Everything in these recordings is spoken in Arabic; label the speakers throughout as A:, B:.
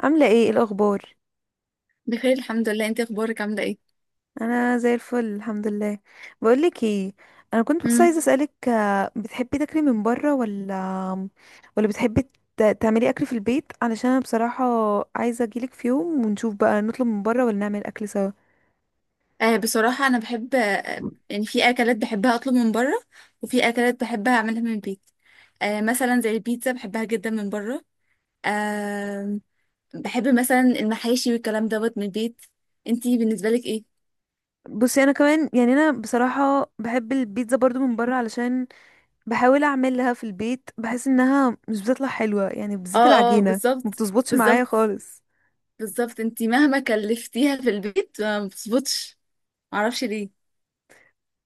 A: عاملة ايه؟ إيه الأخبار؟
B: بخير، الحمد لله. انت اخبارك عامله ايه؟
A: أنا زي الفل، الحمد لله. بقولك ايه، أنا كنت بس
B: امم.
A: عايزة أسألك، بتحبي تاكلي من برا ولا بتحبي تعملي أكل في البيت؟ علشان أنا بصراحة عايزة أجيلك في يوم ونشوف بقى نطلب من برا ولا نعمل أكل سوا.
B: آه، بصراحه انا بحب يعني في اكلات بحبها اطلب من بره. وفي اكلات بحبها اعملها من البيت. آه، مثلا زي البيتزا بحبها جدا من بره. آه. بحب مثلا المحاشي والكلام دوت من البيت. انتي بالنسبه لك ايه؟
A: بصي، أنا كمان يعني أنا بصراحة بحب البيتزا برضو من برا، علشان بحاول أعملها في البيت بحس إنها مش بتطلع حلوة، يعني بالذات
B: اه اه،
A: العجينة ما
B: بالظبط.
A: بتظبطش معايا
B: بالظبط.
A: خالص.
B: بالظبط، انتي مهما كلفتيها في البيت ما بتظبطش. معرفش ليه.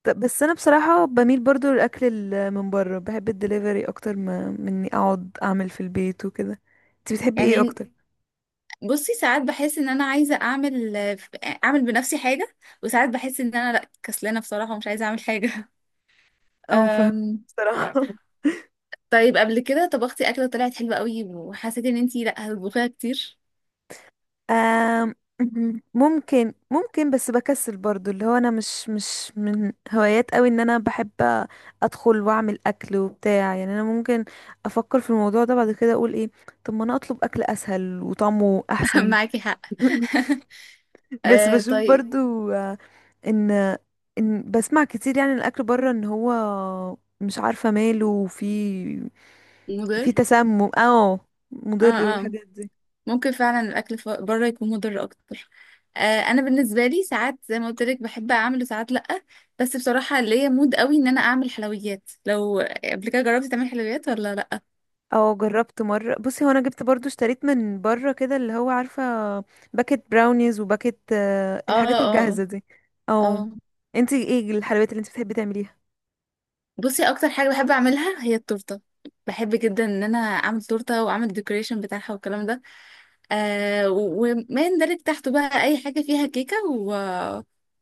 A: طب بس انا بصراحه بميل برضو للاكل من بره، بحب الدليفري اكتر ما مني اقعد اعمل في البيت وكده. انت بتحبي ايه
B: يعني،
A: اكتر؟
B: بصي، ساعات بحس ان انا عايزه اعمل بنفسي حاجه. وساعات بحس ان انا لا، كسلانه بصراحه ومش عايزه اعمل حاجه
A: اه فاهم.
B: أم...
A: بصراحه
B: طيب، قبل كده طبختي اكله طلعت حلوه قوي وحسيتي ان انتي لا هتطبخيها كتير؟
A: آم، ممكن بس بكسل برضو، اللي هو انا مش من هوايات قوي ان انا بحب ادخل واعمل اكل وبتاع، يعني انا ممكن افكر في الموضوع ده بعد كده اقول ايه، طب ما انا اطلب اكل اسهل وطعمه احسن.
B: معاكي حق
A: بس
B: أه،
A: بشوف
B: طيب.
A: برضو ان بسمع كتير يعني الاكل بره ان هو مش عارفه ماله، وفي
B: مضر.
A: في تسمم، اه
B: اه
A: مضر
B: اه،
A: والحاجات دي.
B: ممكن فعلا الاكل بره يكون مضر اكتر. أه، انا بالنسبه لي ساعات زي ما قلت لك بحب اعمل وساعات لا. بس بصراحه ليا مود قوي ان انا اعمل حلويات. لو قبل كده جربتي تعملي حلويات ولا لا؟
A: اه جربت مره، بصي هو انا جبت برضو، اشتريت من بره كده اللي هو عارفه باكت براونيز وباكت
B: اه
A: الحاجات
B: اه آه.
A: الجاهزه دي. اه
B: اه.
A: انتي ايه الحلويات اللي انتي بتحبي تعمليها؟
B: بصي، اكتر حاجه بحب اعملها هي التورته. بحب جدا ان انا اعمل تورته واعمل ديكوريشن بتاعها والكلام ده. آه، وما يندرج تحته بقى اي حاجه فيها كيكه و...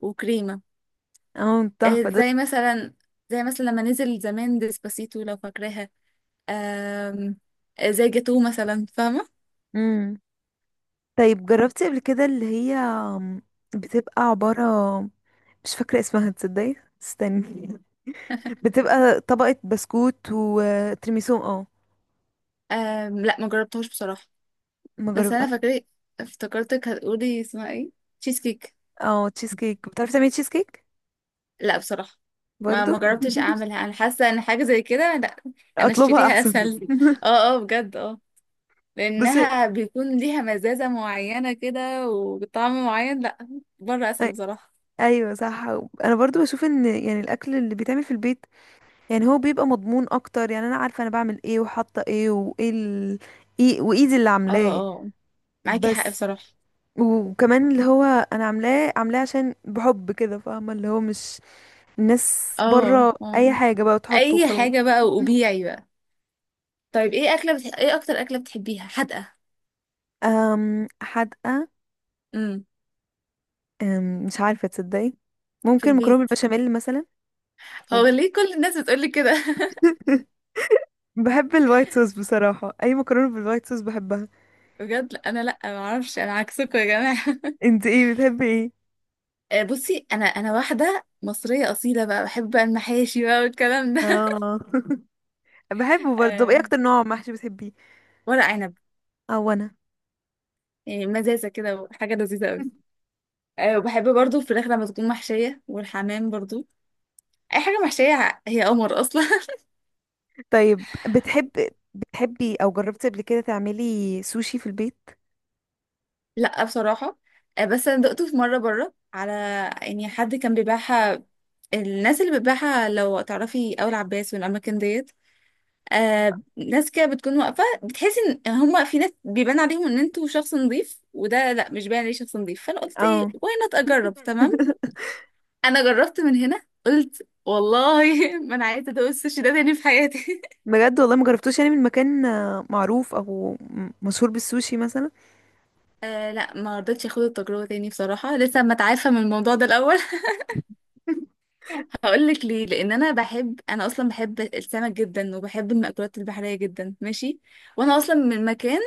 B: وكريمه.
A: اه
B: آه،
A: تحفه ده.
B: زي مثلا لما نزل زمان ديسباسيتو لو فاكراها. آم، آه، زي جاتو مثلا، فاهمه؟
A: امم طيب جربتي قبل كده اللي هي بتبقى عباره، مش فاكره اسمها تصدقي، استني، بتبقى طبقة بسكوت وترميسو، اه.
B: لا، ما جربتهاش بصراحه.
A: ما
B: بس
A: جرب
B: انا فاكره، افتكرتك هتقولي اسمها ايه. تشيز كيك.
A: اه تشيز كيك، بتعرفي تعملي تشيز كيك
B: لا بصراحة. ما
A: برضو؟
B: ما جربتش اعملها، انا حاسة ان حاجة زي كده لا. انا
A: اطلبها
B: اشتريها
A: احسن.
B: اسهل. اه. اه بجد، اه.
A: بصي
B: لانها بيكون ليها مزازة معينة كده وطعم معين، لا. بره اسهل
A: أي-
B: بصراحة.
A: ايوه صح، انا برضو بشوف ان يعني الاكل اللي بيتعمل في البيت يعني هو بيبقى مضمون اكتر، يعني انا عارفه انا بعمل ايه وحاطه ايه، وايه ال... إيه وايدي اللي
B: اه
A: عاملاه.
B: اه، معاكي حق
A: بس
B: بصراحة.
A: وكمان اللي هو انا عاملاه عشان بحب كده، فاهمه، اللي هو مش الناس
B: اه
A: بره اي
B: اه،
A: حاجه بقى تحطه
B: اي
A: وخلاص.
B: حاجة بقى وبيعي بقى. طيب ايه اكلة ايه اكتر اكلة بتحبيها حادقة؟
A: حدقة؟
B: امم.
A: مش عارفة تصدقي،
B: في
A: ممكن مكرونة
B: البيت.
A: بالبشاميل مثلا، و-
B: هو ليه كل الناس بتقولي كده؟
A: بحب الوايت صوص بصراحة، أي مكرونة بالوايت صوص بحبها.
B: بجد، لا، انا لا، ما اعرفش، انا عكسكم يا جماعة.
A: انت ايه بتحبي ايه؟
B: آه، بصي، انا واحده مصريه اصيله بقى، بحب بقى المحاشي بقى والكلام ده
A: اه بحبه برضه. طب ايه
B: آه،
A: أكتر نوع محشي بتحبيه؟
B: ورق عنب.
A: اه أنا
B: يعني مزازه كده وحاجه لذيذه قوي. آه، وبحب برضو الفراخ لما تكون محشيه، والحمام برضو. اي حاجه محشيه هي قمر اصلا
A: طيب بتحبي أو جربتي قبل كده تعملي سوشي في البيت؟
B: لا بصراحه. آه، بس انا دقته في مره بره على، يعني، حد كان بيبيعها. الناس اللي بتبيعها لو تعرفي اول عباس والاماكن ديت. آه، ناس كده بتكون واقفة، بتحسي ان هما في ناس بيبان عليهم ان انتوا شخص نظيف، وده لا مش باين عليه شخص نظيف. فانا قلت ايه،
A: اه
B: واي نوت، اجرب، تمام. انا جربت من هنا قلت والله ما انا عايزة ادوق السوشي ده تاني في حياتي
A: بجد والله ما جربتوش، يعني من مكان معروف أو مشهور بالسوشي مثلا؟
B: آه لا، ما رضيتش اخد التجربة تاني بصراحة. لسه ما اتعافى من الموضوع ده الاول هقول لك ليه. لان انا بحب، انا اصلا بحب السمك جدا وبحب المأكولات البحرية جدا، ماشي. وانا اصلا من مكان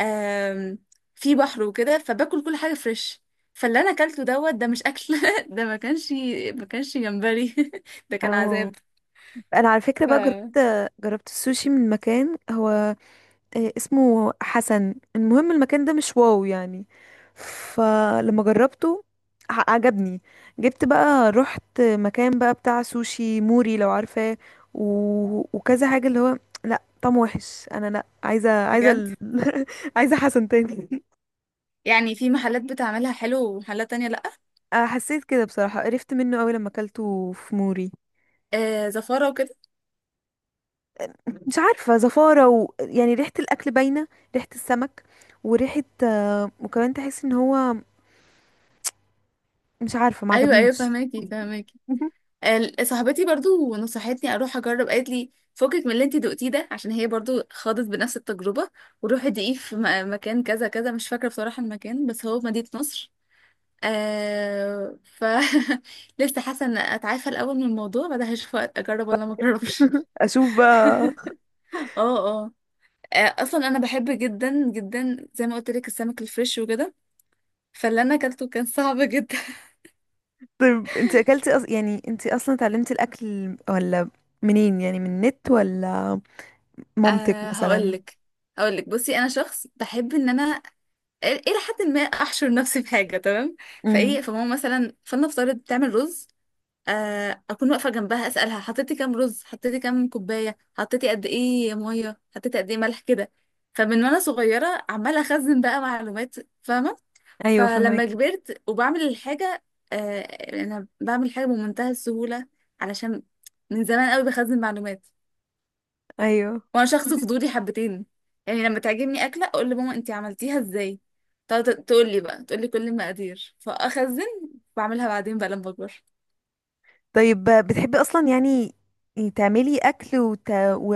B: آم، في بحر وكده، فباكل كل حاجه فريش. فاللي انا اكلته دوت ده مش اكل ده ما كانش جمبري ده كان
A: اه
B: عذاب.
A: انا على فكره
B: ف
A: بقى، جربت السوشي من مكان، هو اسمه حسن، المهم المكان ده مش واو يعني. فلما جربته عجبني، جبت بقى رحت مكان بقى بتاع سوشي موري لو عارفاه، و... وكذا حاجه، اللي هو لا طعمه وحش، انا لا
B: بجد.
A: عايزه حسن تاني.
B: يعني في محلات بتعملها حلو ومحلات تانية لأ.
A: حسيت كده بصراحه، قرفت منه قوي لما اكلته في موري.
B: آه، زفارة وكده.
A: مش عارفة، زفارة يعني ريحة الأكل باينة، ريحة السمك وريحة وكمان تحس ان هو، مش عارفة، ما
B: أيوة أيوة،
A: عجبنيش.
B: فهماكي فهماكي. آه، صاحبتي برضو نصحتني أروح أجرب. قالت لي فكك من اللي انتي دقتيه ده عشان هي برضو خاضت بنفس التجربة. وروحي دقيه في مكان كذا كذا. مش فاكرة بصراحة المكان، بس هو في مدينة نصر. آه، لسه حاسه ان اتعافى الاول من الموضوع، بعدها هشوف اجرب ولا ما اجربش
A: اشوف بقى.
B: اه اه آه، اصلا انا بحب جدا جدا زي ما قلت لك السمك الفريش وكده. فاللي انا اكلته كان صعب جدا
A: طيب انت اكلتي يعني انت اصلا اتعلمتي الاكل ولا، منين يعني، من النت ولا مامتك
B: أه، هقول
A: مثلا؟
B: لك هقول لك بصي، انا شخص بحب ان انا الى حد ما احشر نفسي في حاجه، تمام؟
A: امم
B: فايه، فماما مثلا، فلنفترض بتعمل رز. آه، اكون واقفه جنبها اسالها حطيتي كام رز، حطيتي كام كوبايه، حطيتي قد ايه ميه، حطيتي قد ايه ملح، كده. فمن وانا صغيره عماله اخزن بقى معلومات، فاهمه؟
A: ايوه
B: فلما
A: فهمك.
B: كبرت وبعمل الحاجه، آه، انا بعمل حاجه بمنتهى السهوله، علشان من زمان قوي بخزن معلومات.
A: ايوه
B: وانا شخص فضولي حبتين. يعني لما تعجبني اكله اقول لماما انتي عملتيها ازاي، تقعد تقول لي بقى، تقول لي كل المقادير، فاخزن. بعملها بعدين بقى لما اكبر.
A: طيب بتحبي اصلا يعني تعملي اكل و...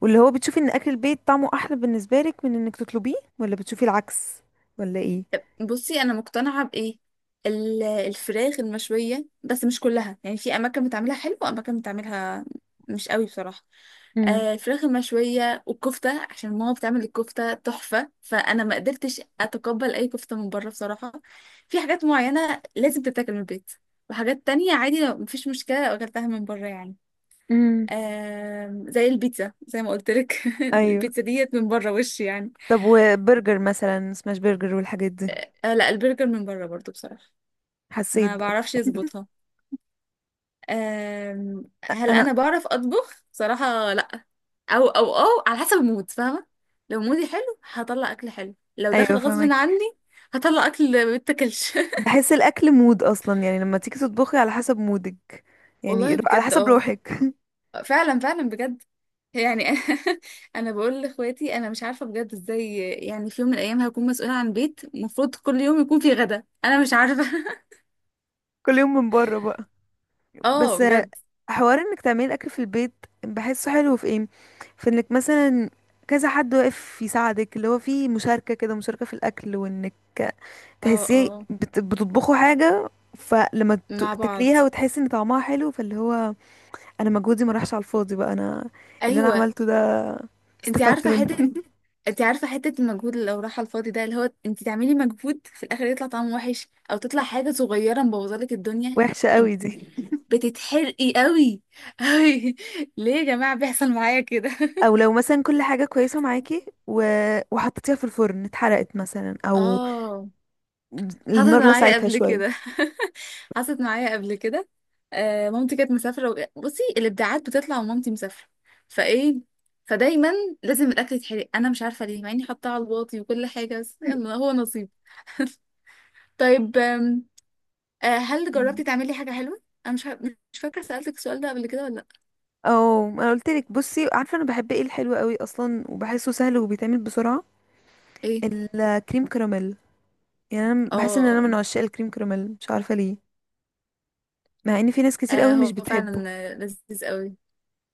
A: واللي هو بتشوفي ان اكل البيت طعمه احلى بالنسبه لك من انك تطلبيه ولا بتشوفي العكس، ولا ايه؟
B: بصي، انا مقتنعه بايه، الفراخ المشويه، بس مش كلها يعني. في اماكن بتعملها حلو واماكن بتعملها مش قوي بصراحه.
A: امم
B: آه، الفراخ المشويه والكفته، عشان ماما بتعمل الكفته تحفه، فانا ما قدرتش اتقبل اي كفته من بره بصراحه. في حاجات معينه لازم تتاكل من البيت، وحاجات تانية عادي لو مفيش مشكله لو اكلتها من بره يعني.
A: امم
B: زي البيتزا زي ما قلت لك
A: ايوه.
B: البيتزا ديت من بره وش يعني.
A: طب وبرجر مثلا سماش برجر والحاجات دي؟
B: آه، لا، البرجر من بره برضو بصراحه.
A: حسيت
B: ما
A: برضه.
B: بعرفش يظبطها. هل انا
A: انا
B: بعرف اطبخ؟ صراحة لا. او على حسب المود، فاهمة؟ لو مودي حلو هطلع اكل حلو، لو
A: ايوه
B: داخل غصب
A: فاهمك.
B: عني هطلع اكل متاكلش
A: بحس الاكل مود اصلا، يعني لما تيجي تطبخي على حسب مودك،
B: والله
A: يعني على
B: بجد،
A: حسب
B: اه.
A: روحك.
B: فعلا فعلا بجد. يعني انا بقول لاخواتي انا مش عارفه بجد ازاي، يعني في يوم من الايام هكون مسؤوله عن بيت المفروض كل يوم يكون فيه غدا، انا مش عارفه
A: كل يوم من بره بقى؟
B: اه
A: بس
B: بجد.
A: حوار انك تعملي اكل في البيت بحسه حلو في ايه، في انك مثلا كذا حد واقف يساعدك، اللي هو في مشاركة كده، مشاركة في الاكل، وانك
B: اه
A: تحسيه
B: اه،
A: بتطبخوا حاجة، فلما
B: مع بعض.
A: تاكليها وتحسي ان طعمها حلو، فاللي هو انا مجهودي ما راحش على الفاضي بقى، انا اللي انا
B: ايوه.
A: عملته ده
B: انت
A: استفدت
B: عارفه حته
A: منه.
B: انت عارفه حته المجهود اللي لو راح على الفاضي ده، اللي هو انت تعملي مجهود في الاخر يطلع طعمه وحش او تطلع حاجه صغيره مبوظالك الدنيا.
A: وحشة
B: انت
A: قوي دي،
B: بتتحرقي قوي قوي ليه يا جماعه بيحصل معايا كده؟
A: او لو مثلا كل حاجة كويسة معاكي وحطيتيها في الفرن اتحرقت مثلا، او
B: اه، حصلت
A: النار
B: معايا
A: لسعتها
B: قبل
A: شوية.
B: كده حصلت معايا قبل كده. آه، مامتي كانت مسافره بصي، الابداعات بتطلع ومامتي مسافره. فايه، فدايما لازم الاكل يتحرق، انا مش عارفه ليه مع اني حاطاه على الواطي وكل حاجه، بس يلا هو نصيب طيب، آم، آه، هل جربتي تعملي حاجة حلوة؟ أنا مش ه- مش فاكرة سألتك السؤال ده قبل كده ولا لأ؟
A: اه انا قلت لك بصي، عارفه انا بحب ايه؟ الحلو قوي اصلا، وبحسه سهل وبيتعمل بسرعه.
B: إيه؟
A: الكريم كراميل، يعني انا بحس ان انا
B: آه.
A: من عشاق الكريم كراميل، مش عارفه ليه، مع ان في ناس كتير
B: آه،
A: قوي مش
B: هو
A: بتحبه.
B: فعلا، لذيذ قوي.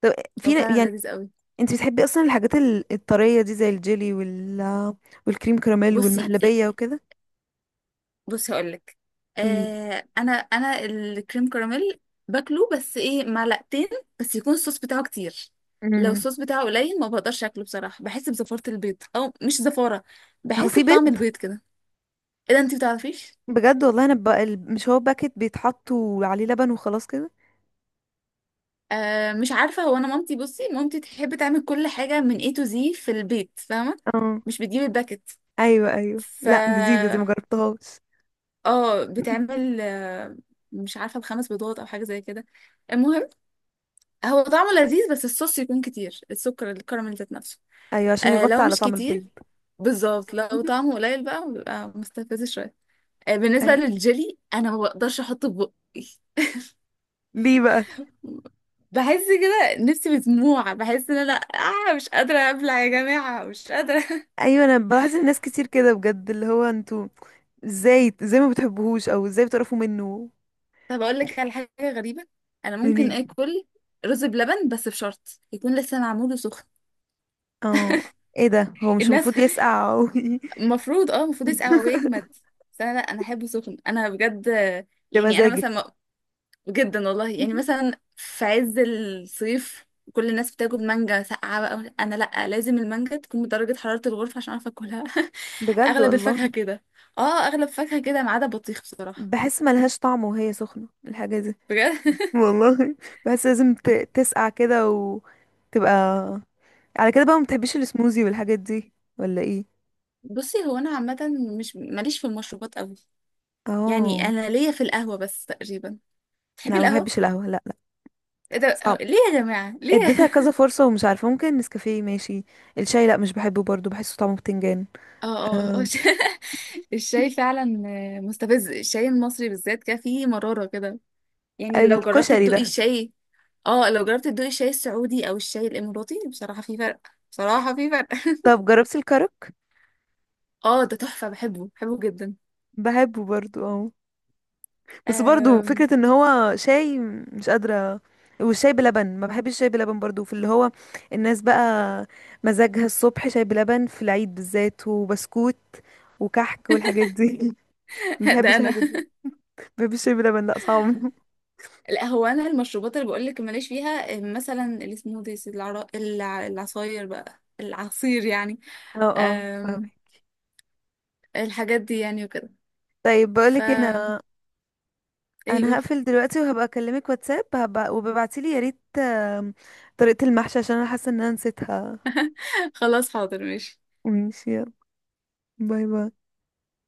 A: طب في
B: هو فعلا
A: يعني
B: لذيذ قوي.
A: انت بتحبي اصلا الحاجات الطريه دي زي الجيلي والكريم كراميل
B: بصي،
A: والمهلبيه وكده؟
B: هقولك.
A: قولي.
B: آه، أنا الكريم كراميل باكله، بس إيه، معلقتين. بس يكون الصوص بتاعه كتير. لو
A: امم
B: الصوص بتاعه قليل ما بقدرش أكله بصراحة. بحس بزفارة البيض، أو مش زفارة،
A: هو
B: بحس
A: في
B: بطعم
A: بيض؟
B: البيض كده. إيه ده، أنتي بتعرفيش؟
A: بجد والله، انا بقى مش هو باكت بيتحط وعليه لبن وخلاص كده.
B: آه، مش عارفة. هو، أنا بصي مامتي تحب تعمل كل حاجة من A to Z في البيت، فاهمة؟
A: اه
B: مش بتجيب الباكت.
A: ايوه ايوه،
B: ف
A: لا جديده دي مجربتهاش.
B: اه، بتعمل، مش عارفة بخمس بيضات أو حاجة زي كده. المهم، هو طعمه لذيذ، بس الصوص يكون كتير، السكر الكراميل ذات نفسه.
A: ايوه، عشان
B: آه،
A: يغطي
B: لو
A: على
B: مش
A: طعم البيض،
B: كتير، بالظبط،
A: بالظبط.
B: لو طعمه قليل بقى بيبقى مستفز شوية. آه، بالنسبة
A: أيوة.
B: للجيلي أنا ما بقدرش أحطه في بقي.
A: ليه بقى؟
B: بحس كده نفسي مسموعة، بحس ان انا مش قادرة ابلع يا جماعة، مش قادرة
A: ايوه انا بلاحظ الناس كتير كده بجد، اللي هو انتوا ازاي ازاي ما بتحبوهوش او ازاي بتعرفوا منه،
B: طب، اقول لك على حاجة غريبة. انا ممكن
A: ليه؟
B: اكل رز بلبن، بس بشرط يكون لسه معمول وسخن.
A: اه ايه ده، هو مش
B: الناس
A: المفروض يسقع او
B: المفروض، المفروض يسقع هو، يجمد. بس انا لا، انا احبه سخن انا بجد.
A: يا
B: يعني انا
A: مزاجك؟
B: مثلا جدا والله. يعني مثلا في عز الصيف كل الناس بتاكل مانجا ساقعة بقى، انا لا، لازم المانجا تكون بدرجة حرارة الغرفة عشان اعرف اكلها
A: بجد
B: اغلب
A: والله،
B: الفاكهة كده. اه، اغلب فاكهة كده ما عدا بطيخ بصراحة.
A: بحس ملهاش طعم وهي سخنة الحاجة دي،
B: بجد.
A: والله، بحس لازم تسقع كده وتبقى. على كده بقى ما بتحبيش السموزي والحاجات دي، ولا ايه؟
B: بصي، هو انا عامة مش ماليش في المشروبات قوي. يعني
A: اه
B: انا ليا في القهوة بس تقريبا. تحبي
A: لا ما
B: القهوة؟
A: بحبش القهوة، لا لا،
B: ايه ده،
A: صعب،
B: ليه يا جماعة، ليه؟
A: اديتها كذا فرصة ومش عارفة، ممكن نسكافيه ماشي. الشاي لا مش بحبه برضو، بحسه طعمه بتنجان،
B: اه اه آه،
A: أم،
B: الشاي فعلا مستفز. الشاي المصري بالذات كده فيه مرارة كده. يعني لو جربت
A: الكشري
B: تدوقي
A: ده.
B: الشاي. اه، لو جربت تدوقي الشاي السعودي او الشاي الاماراتي، بصراحة في فرق. بصراحة في فرق
A: طب جربتي الكرك؟
B: اه، ده تحفة، بحبه بحبه جدا.
A: بحبه برضو اه، بس برضو
B: أم...
A: فكرة ان هو شاي، مش قادرة. والشاي بلبن ما بحبش، الشاي بلبن برضو، في اللي هو الناس بقى مزاجها الصبح شاي بلبن في العيد بالذات، وبسكوت وكحك والحاجات دي. ما
B: ده
A: بحبش
B: انا.
A: الحاجات دي، ما بحبش الشاي بلبن، لا صعب.
B: لا، هو انا المشروبات اللي بقول لك ماليش فيها. أم، مثلا السموذيز، العصاير بقى، العصير يعني.
A: اه اه
B: أم...
A: فاهمك.
B: الحاجات دي يعني وكده.
A: طيب
B: ف
A: بقولك هنا،
B: ايه
A: انا
B: يقول
A: هقفل دلوقتي وهبقى اكلمك واتساب، هبقى وببعتيلي يا ريت طريقة المحشي عشان انا حاسة ان انا نسيتها.
B: خلاص، حاضر، ماشي.
A: ماشي يلا، باي باي.